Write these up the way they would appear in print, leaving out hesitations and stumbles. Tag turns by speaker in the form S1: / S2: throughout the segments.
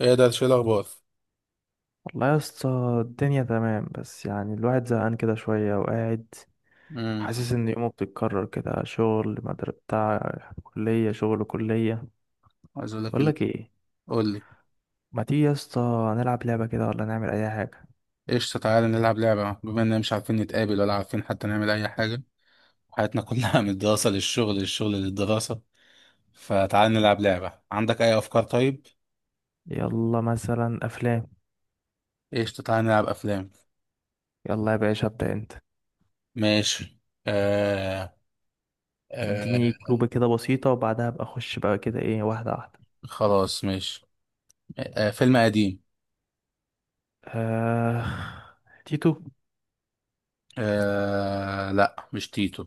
S1: ايه ده؟ شيء الاخبار.
S2: والله يا اسطى، الدنيا تمام، بس يعني الواحد زهقان كده شوية وقاعد
S1: امم
S2: حاسس إن يومه بتتكرر كده. شغل مدر بتاع كلية، شغل كلية.
S1: عايز اقول لك ال...
S2: بقولك ايه،
S1: قول لي.
S2: ما تيجي يا اسطى نلعب لعبة كده ولا نعمل أي حاجة؟
S1: قشطه، تعالى نلعب لعبه. بما اننا مش عارفين نتقابل ولا عارفين حتى نعمل اي حاجه، حياتنا كلها من الدراسه للشغل، للشغل للدراسه، فتعالى نلعب لعبه. عندك اي افكار؟ طيب
S2: يلا، مثلا أفلام.
S1: قشطه، تعالى نلعب افلام.
S2: يلا يا باشا، ابدأ أنت.
S1: ماشي. آه... آه...
S2: اديني كلوبة كده بسيطة، وبعدها أبقى أخش بقى كده ايه، واحدة واحدة.
S1: خلاص ماشي. فيلم قديم.
S2: آه... تيتو.
S1: لا، مش تيتو.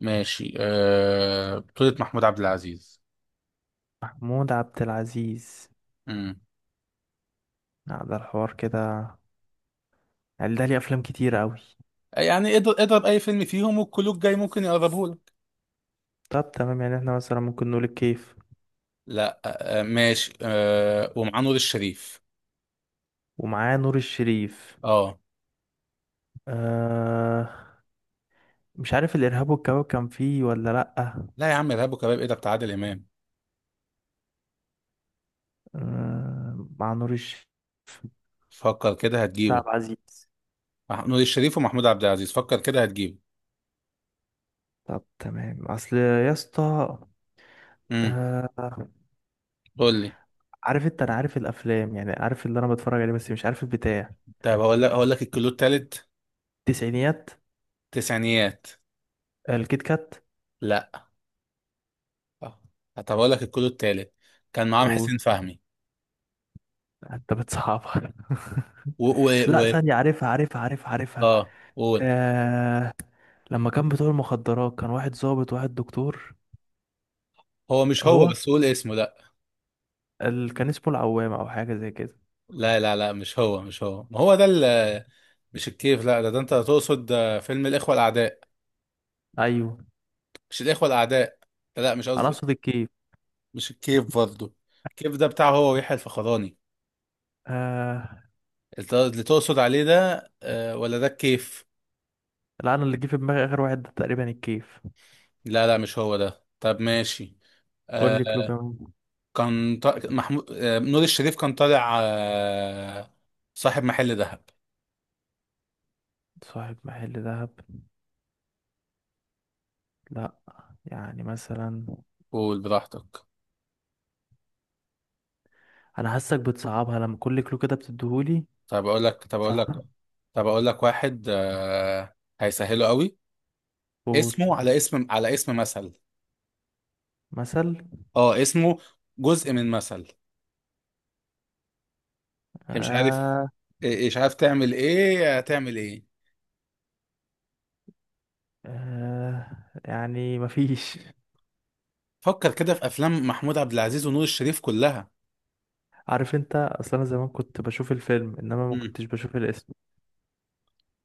S1: ماشي، بطولة محمود عبد العزيز.
S2: محمود عبد العزيز.
S1: امم
S2: لا، ده الحوار كده، يعني ده ليه أفلام كتير أوي.
S1: يعني اضرب اضرب اي فيلم فيهم، والكلوك جاي ممكن يقربه لك.
S2: طب تمام، يعني احنا مثلا ممكن نقول الكيف.
S1: لا، ماشي، ومعاه نور الشريف.
S2: ومعاه نور الشريف.
S1: اه.
S2: آه مش عارف الإرهاب والكباب كان فيه ولا لأ.
S1: لا يا عم، ارهاب وكباب؟ ايه ده؟ بتاع عادل امام.
S2: آه، مع نور الشريف.
S1: فكر كده
S2: بتاع
S1: هتجيبه.
S2: عبد العزيز.
S1: نور الشريف ومحمود عبد العزيز، فكر كده هتجيبه.
S2: طب تمام، أصل يا اسطى.
S1: امم
S2: آه.
S1: قول لي.
S2: عارف أنت، أنا عارف الأفلام، يعني عارف اللي أنا بتفرج عليه بس مش عارف البتاع.
S1: طب هقول لك الكيلو التالت.
S2: التسعينيات.
S1: تسعينيات.
S2: الكيت كات.
S1: لا. آه، طب هقول لك الكيلو التالت. كان معاهم
S2: و
S1: حسين فهمي
S2: أنت بتصعبها.
S1: و و
S2: لا
S1: و
S2: ثانية، عارفها عارفها عارفها عارفها.
S1: اه قول.
S2: آه، لما كان بتوع المخدرات كان واحد ضابط وواحد دكتور.
S1: هو مش هو،
S2: هو،
S1: بس قول اسمه. لا
S2: كان اسمه العوام او حاجه زي كده.
S1: لا لا لا، مش هو مش هو، ما هو ده مش الكيف، لا، ده انت تقصد فيلم الاخوه الاعداء.
S2: ايوه.
S1: مش الإخوة الأعداء، لا مش
S2: انا
S1: قصدي.
S2: اقصد الكيف.
S1: مش الكيف برضه. الكيف ده بتاعه هو ويحيى الفخراني.
S2: آه،
S1: اللي تقصد عليه ده آه، ولا ده الكيف؟
S2: لا، انا اللي جه في دماغي اخر واحد ده تقريبا الكيف.
S1: لا لا، مش هو ده. طب ماشي.
S2: قول لي
S1: آه.
S2: كلو كمان.
S1: كان محمود، نور الشريف، كان طالع آه صاحب محل ذهب.
S2: صاحب محل ذهب. لا، يعني مثلا،
S1: قول براحتك.
S2: انا حاسك بتصعبها لما كل كلو كده بتديهولي.
S1: طب أقول لك طب أقول
S2: صح.
S1: لك طب أقول لك واحد هيسهله قوي.
S2: قول.
S1: اسمه على اسم، على اسم مثل.
S2: مثل.
S1: اه، اسمه جزء من مثل. مش عارف.
S2: آه،
S1: مش عارف تعمل ايه، هتعمل ايه.
S2: آه، يعني مفيش.
S1: فكر كده في افلام محمود عبد العزيز ونور الشريف كلها.
S2: عارف انت اصلا، انا زمان كنت بشوف الفيلم انما ما
S1: مم.
S2: كنتش بشوف الاسم.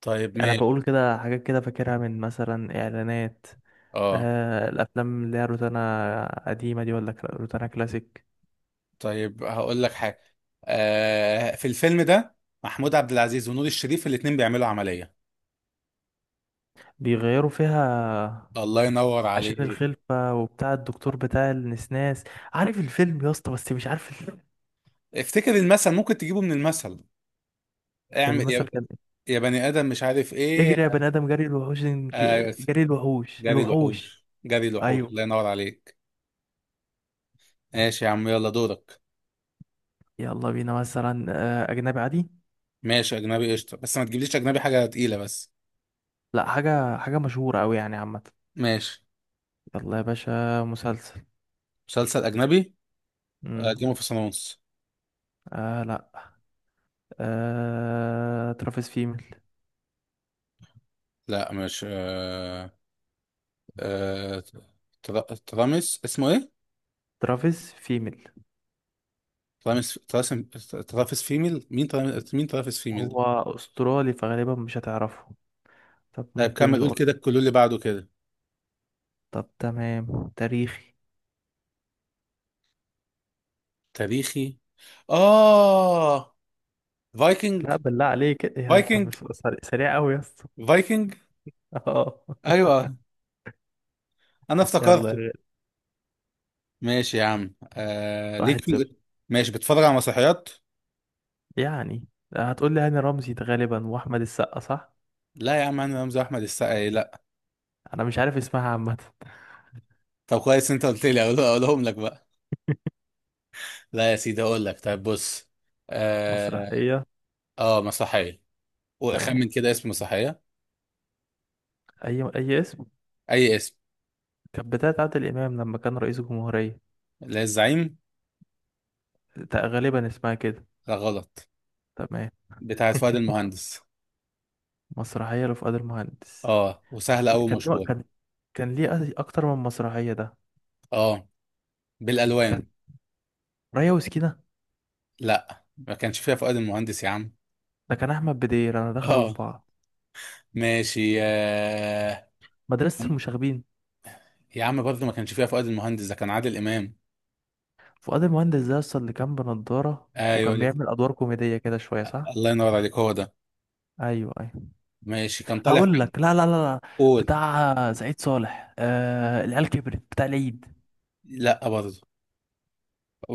S1: طيب
S2: يعني انا
S1: ماشي.
S2: بقول كده حاجات كده فاكرها من مثلا اعلانات.
S1: اه
S2: آه، الافلام اللي هي روتانا قديمه دي ولا روتانا كلاسيك.
S1: طيب هقول لك حاجه. آه، في الفيلم ده محمود عبد العزيز ونور الشريف الاتنين بيعملوا عمليه.
S2: بيغيروا فيها
S1: الله ينور
S2: عشان
S1: عليك.
S2: الخلفه، وبتاع الدكتور بتاع النسناس. عارف الفيلم يا اسطى بس مش عارف
S1: افتكر المثل، ممكن تجيبه من المثل. اعمل يا،
S2: المثل كان
S1: يا بني ادم مش عارف
S2: ايه،
S1: ايه.
S2: اجري يا بني ادم، جري الوحوش،
S1: آه،
S2: جري الوحوش
S1: جري
S2: الوحوش.
S1: الوحوش، جري الوحوش،
S2: ايوه.
S1: الله ينور عليك. ماشي يا عم، يلا دورك.
S2: يلا بينا مثلا. آه، اجنبي عادي.
S1: ماشي اجنبي قشطه، بس ما تجيبليش اجنبي حاجه تقيله بس.
S2: لا، حاجه مشهوره قوي يعني عامه.
S1: ماشي.
S2: يلا يا باشا، مسلسل.
S1: مسلسل أجنبي. جيم
S2: امم.
S1: اوف ثرونز.
S2: آه، لا. ترافيس فيميل.
S1: لا مش آه... ترا- ترامس اسمه ايه؟
S2: ترافيس فيميل.
S1: ترامس تراسم. ترافس فيميل؟ مين ترافس فيميل ده؟
S2: هو أسترالي، فغالبا مش هتعرفه. طب
S1: طيب
S2: ممكن
S1: كمل، قول
S2: نقول.
S1: كده الكلو اللي بعده كده.
S2: طب تمام، تاريخي.
S1: تاريخي. اه فايكنج.
S2: لا، بالله عليك، إيه انت؟
S1: فايكنج.
S2: مش سريع سريع قوي يا اسطى.
S1: فايكنج.
S2: اه.
S1: ايوه، انا
S2: يلا يا
S1: افتكرته.
S2: غالي.
S1: ماشي يا عم، ليك
S2: واحد
S1: في.
S2: صفر
S1: ماشي. بتتفرج على مسرحيات؟
S2: يعني هتقول لي هاني رمزي ده غالبا، واحمد السقا، صح؟
S1: لا يا عم، انا رمزي؟ احمد السقا؟ إيه؟ لا.
S2: انا مش عارف اسمها عامه.
S1: طب كويس، انت قلت لي اقولهم لك بقى. لا يا سيدي، اقول لك، طيب بص. اه,
S2: مسرحيه.
S1: آه مسرحية.
S2: تمام.
S1: واخمن كده اسم مسرحية.
S2: اي اسم.
S1: اي اسم.
S2: كانت بتاعت عادل امام لما كان رئيس الجمهوريه.
S1: لا، الزعيم؟
S2: غالبا اسمها كده.
S1: لا، غلط.
S2: تمام.
S1: بتاعت فؤاد المهندس.
S2: مسرحيه لفؤاد المهندس.
S1: اه، وسهلة أوي،
S2: كان ليه
S1: مشهور.
S2: كان كان ليه أكتر من مسرحيه ده.
S1: اه، بالالوان.
S2: ريا وسكينة.
S1: لا، ما كانش فيها فؤاد المهندس يا عم.
S2: ده كان أحمد بدير، أنا دخلوا في
S1: اه
S2: بعض.
S1: ماشي آه.
S2: مدرسة المشاغبين.
S1: يا عم برضه ما كانش فيها فؤاد المهندس، ده كان عادل امام.
S2: فؤاد المهندس ده أصلا اللي كان بنضارة
S1: ايوه
S2: وكان
S1: لك،
S2: بيعمل أدوار كوميدية كده شوية، صح؟
S1: الله ينور عليك، هو ده.
S2: أيوه، أيوه.
S1: ماشي، كان طالع
S2: هقول لك. لا، لا، لا، لا.
S1: قول.
S2: بتاع سعيد صالح، العيال كبرت بتاع العيد.
S1: لا برضه،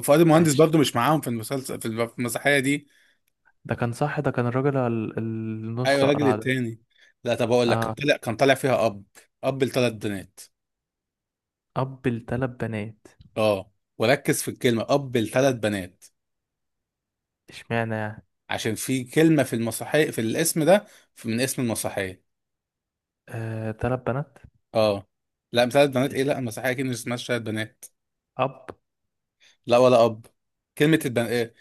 S1: فؤاد المهندس
S2: ماشي.
S1: برضه مش معاهم في المسلسل، في المسرحية دي.
S2: ده كان صح، ده كان الراجل
S1: ايوه،
S2: النص
S1: الراجل
S2: أقرع ده.
S1: التاني. لا، طب اقول لك، كان
S2: آه،
S1: طالع كان طالع فيها اب. اب لثلاث بنات.
S2: أب لتلات بنات.
S1: اه، وركز في الكلمه، اب لثلاث بنات.
S2: اشمعنى يعني؟
S1: عشان في كلمه في المسرحيه، في الاسم ده، من اسم المسرحيه.
S2: آه، تلات بنات.
S1: اه. لا، ثلاث بنات ايه،
S2: اسم؟
S1: لا المسرحيه اكيد مش اسمها ثلاث بنات.
S2: أب؟
S1: لا، ولا اب. كلمه البن ايه.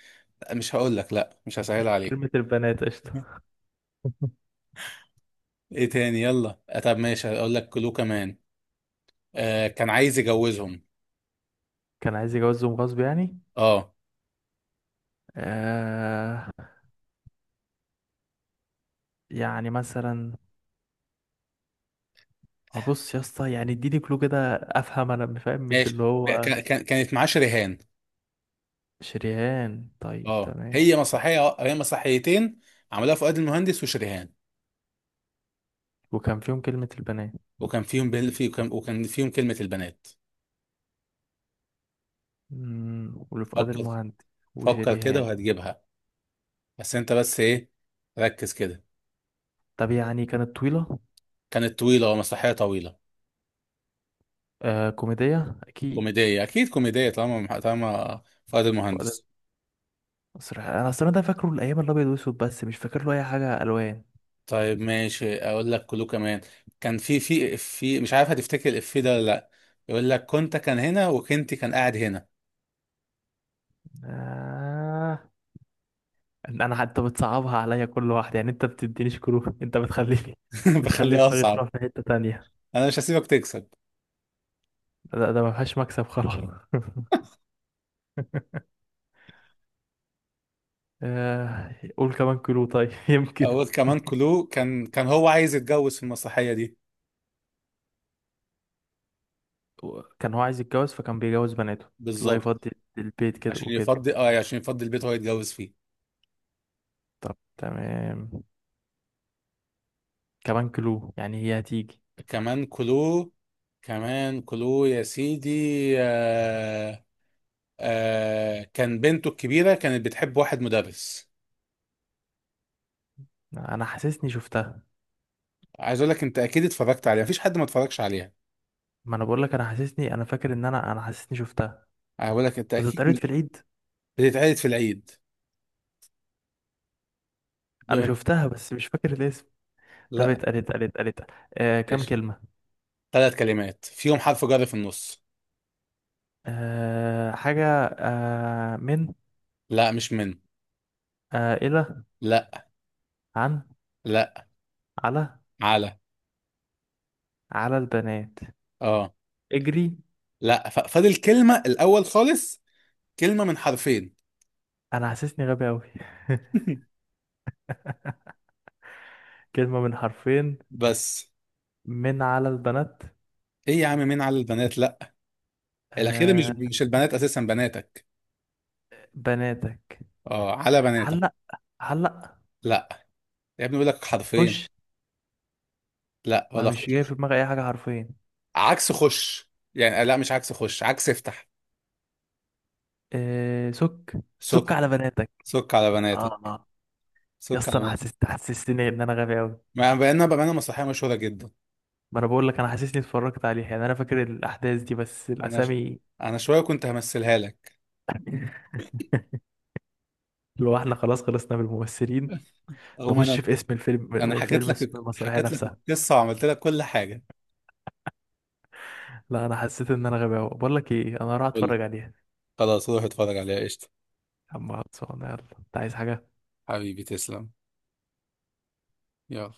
S1: لا، مش هقول لك، لا مش هسهل عليك.
S2: كلمة البنات، قشطة.
S1: ايه تاني، يلا طب ماشي، هقول لك كلو كمان. آه كان عايز يجوزهم.
S2: كان عايز يجوزهم غصب يعني.
S1: اه.
S2: آه. يعني مثلا، بص يا اسطى، يعني اديني كلو كده افهم، انا فاهم مش اللي
S1: ماشي،
S2: هو.
S1: كانت معاه شريهان.
S2: شريان. طيب
S1: اه،
S2: تمام.
S1: هي مسرحيه، هي مسرحيتين عملها فؤاد المهندس وشريهان.
S2: وكان فيهم كلمة البنات.
S1: وكان فيهم وكان فيهم كلمه البنات.
S2: واللي فؤاد
S1: فكر،
S2: المهندس
S1: فكر كده
S2: وشريهان.
S1: وهتجيبها. بس انت بس ايه، ركز كده.
S2: طب يعني كانت طويلة.
S1: كانت طويله، مسرحيه طويله.
S2: آه، كوميدية اكيد.
S1: كوميديه اكيد، كوميديه طالما، طالما فؤاد
S2: فؤاد.
S1: المهندس.
S2: أصل انا اصلا ده فاكره الايام الابيض والاسود، بس مش فاكر له اي حاجة الوان.
S1: طيب ماشي، اقول لك كله كمان. كان في مش عارف هتفتكر الافيه ده ولا لا. يقول لك كنت كان هنا، وكنت كان قاعد هنا.
S2: آه إن انا حتى بتصعبها عليا كل واحد، يعني انت بتدينيش كلو انت بتخليني. بتخلي
S1: بخليها
S2: دماغي
S1: اصعب.
S2: تروح في حتة تانية.
S1: انا مش هسيبك تكسب.
S2: ده ما فيهاش مكسب خلاص. قول كمان كيلو طيب يمكن.
S1: أول كمان كلو، كان هو عايز يتجوز في المسرحية دي.
S2: كان هو عايز يتجوز فكان بيجوز بناته،
S1: بالظبط،
S2: وهيفضي البيت كده
S1: عشان
S2: وكده.
S1: يفضي. اه يعني عشان يفضي البيت هو يتجوز فيه.
S2: طب تمام. كمان كيلو يعني هي هتيجي.
S1: كمان كلو. كمان كلو يا سيدي. آه. آه، كان بنته الكبيرة كانت بتحب واحد مدرس.
S2: انا حاسسني شفتها.
S1: عايز أقول لك أنت أكيد اتفرجت عليها، مفيش حد ما اتفرجش عليها.
S2: ما انا بقول لك، انا حاسسني، انا فاكر ان انا حاسسني شفتها.
S1: هقول لك أنت
S2: بتتقالت في
S1: أكيد
S2: العيد.
S1: بتتعرض في العيد.
S2: انا
S1: بم-
S2: شفتها بس مش فاكر الاسم. طب
S1: لا.
S2: اتقالت، اتقالت، اتقالت؟ آه، كام
S1: ماشي.
S2: كلمة؟
S1: ثلاث كلمات فيهم حرف جر في النص.
S2: آه، حاجة. آه، من؟
S1: لا مش من.
S2: آه، إلى؟
S1: لا.
S2: عن؟
S1: لا.
S2: على؟
S1: على.
S2: على البنات.
S1: اه.
S2: اجري؟
S1: لا، فاضل كلمة الأول خالص. كلمة من حرفين.
S2: انا حاسسني غبي قوي. كلمة من حرفين.
S1: بس.
S2: من على البنات؟
S1: إيه يا عم، مين على البنات، لا. الأخيرة مش
S2: آه،
S1: مش البنات، أساسا بناتك.
S2: بناتك.
S1: أه، على بناتك.
S2: علق، علق؟
S1: لا. يا ابني بيقول لك
S2: خش؟
S1: حرفين. لا،
S2: ما
S1: ولا
S2: مش جاي
S1: خش.
S2: في دماغي أي حاجة حرفين.
S1: عكس خش يعني، لا مش عكس خش، عكس افتح.
S2: آه، سك،
S1: سك.
S2: سك على بناتك.
S1: سك على بناتك.
S2: آه. يا
S1: سك على
S2: اسطى، أنا
S1: بناتك.
S2: حسستني إن أنا غبي أوي.
S1: ما بقينا بقينا، مسرحية مشهورة جدا.
S2: ما أنا بقول لك، أنا حاسسني اتفرجت عليه، يعني أنا فاكر الأحداث دي بس
S1: أنا ش...
S2: الأسامي.
S1: أنا شوية كنت همثلها لك.
S2: لو احنا خلاص خلصنا بالممثلين،
S1: أو ما
S2: نخش
S1: أنا.
S2: في اسم
S1: أنا
S2: الفيلم
S1: حكيت
S2: فيلم اسم
S1: لك
S2: المسرحية
S1: حكيت لك
S2: نفسها.
S1: القصة، وعملت لك كل حاجة.
S2: لا، أنا حسيت إن أنا غبي أوي، بقول لك إيه، أنا هروح
S1: قول لي.
S2: أتفرج عليها.
S1: خلاص، روح اتفرج عليها قشطة.
S2: يا عم، خلصانة، يلا، أنت عايز حاجة؟
S1: حبيبي تسلم. يلا.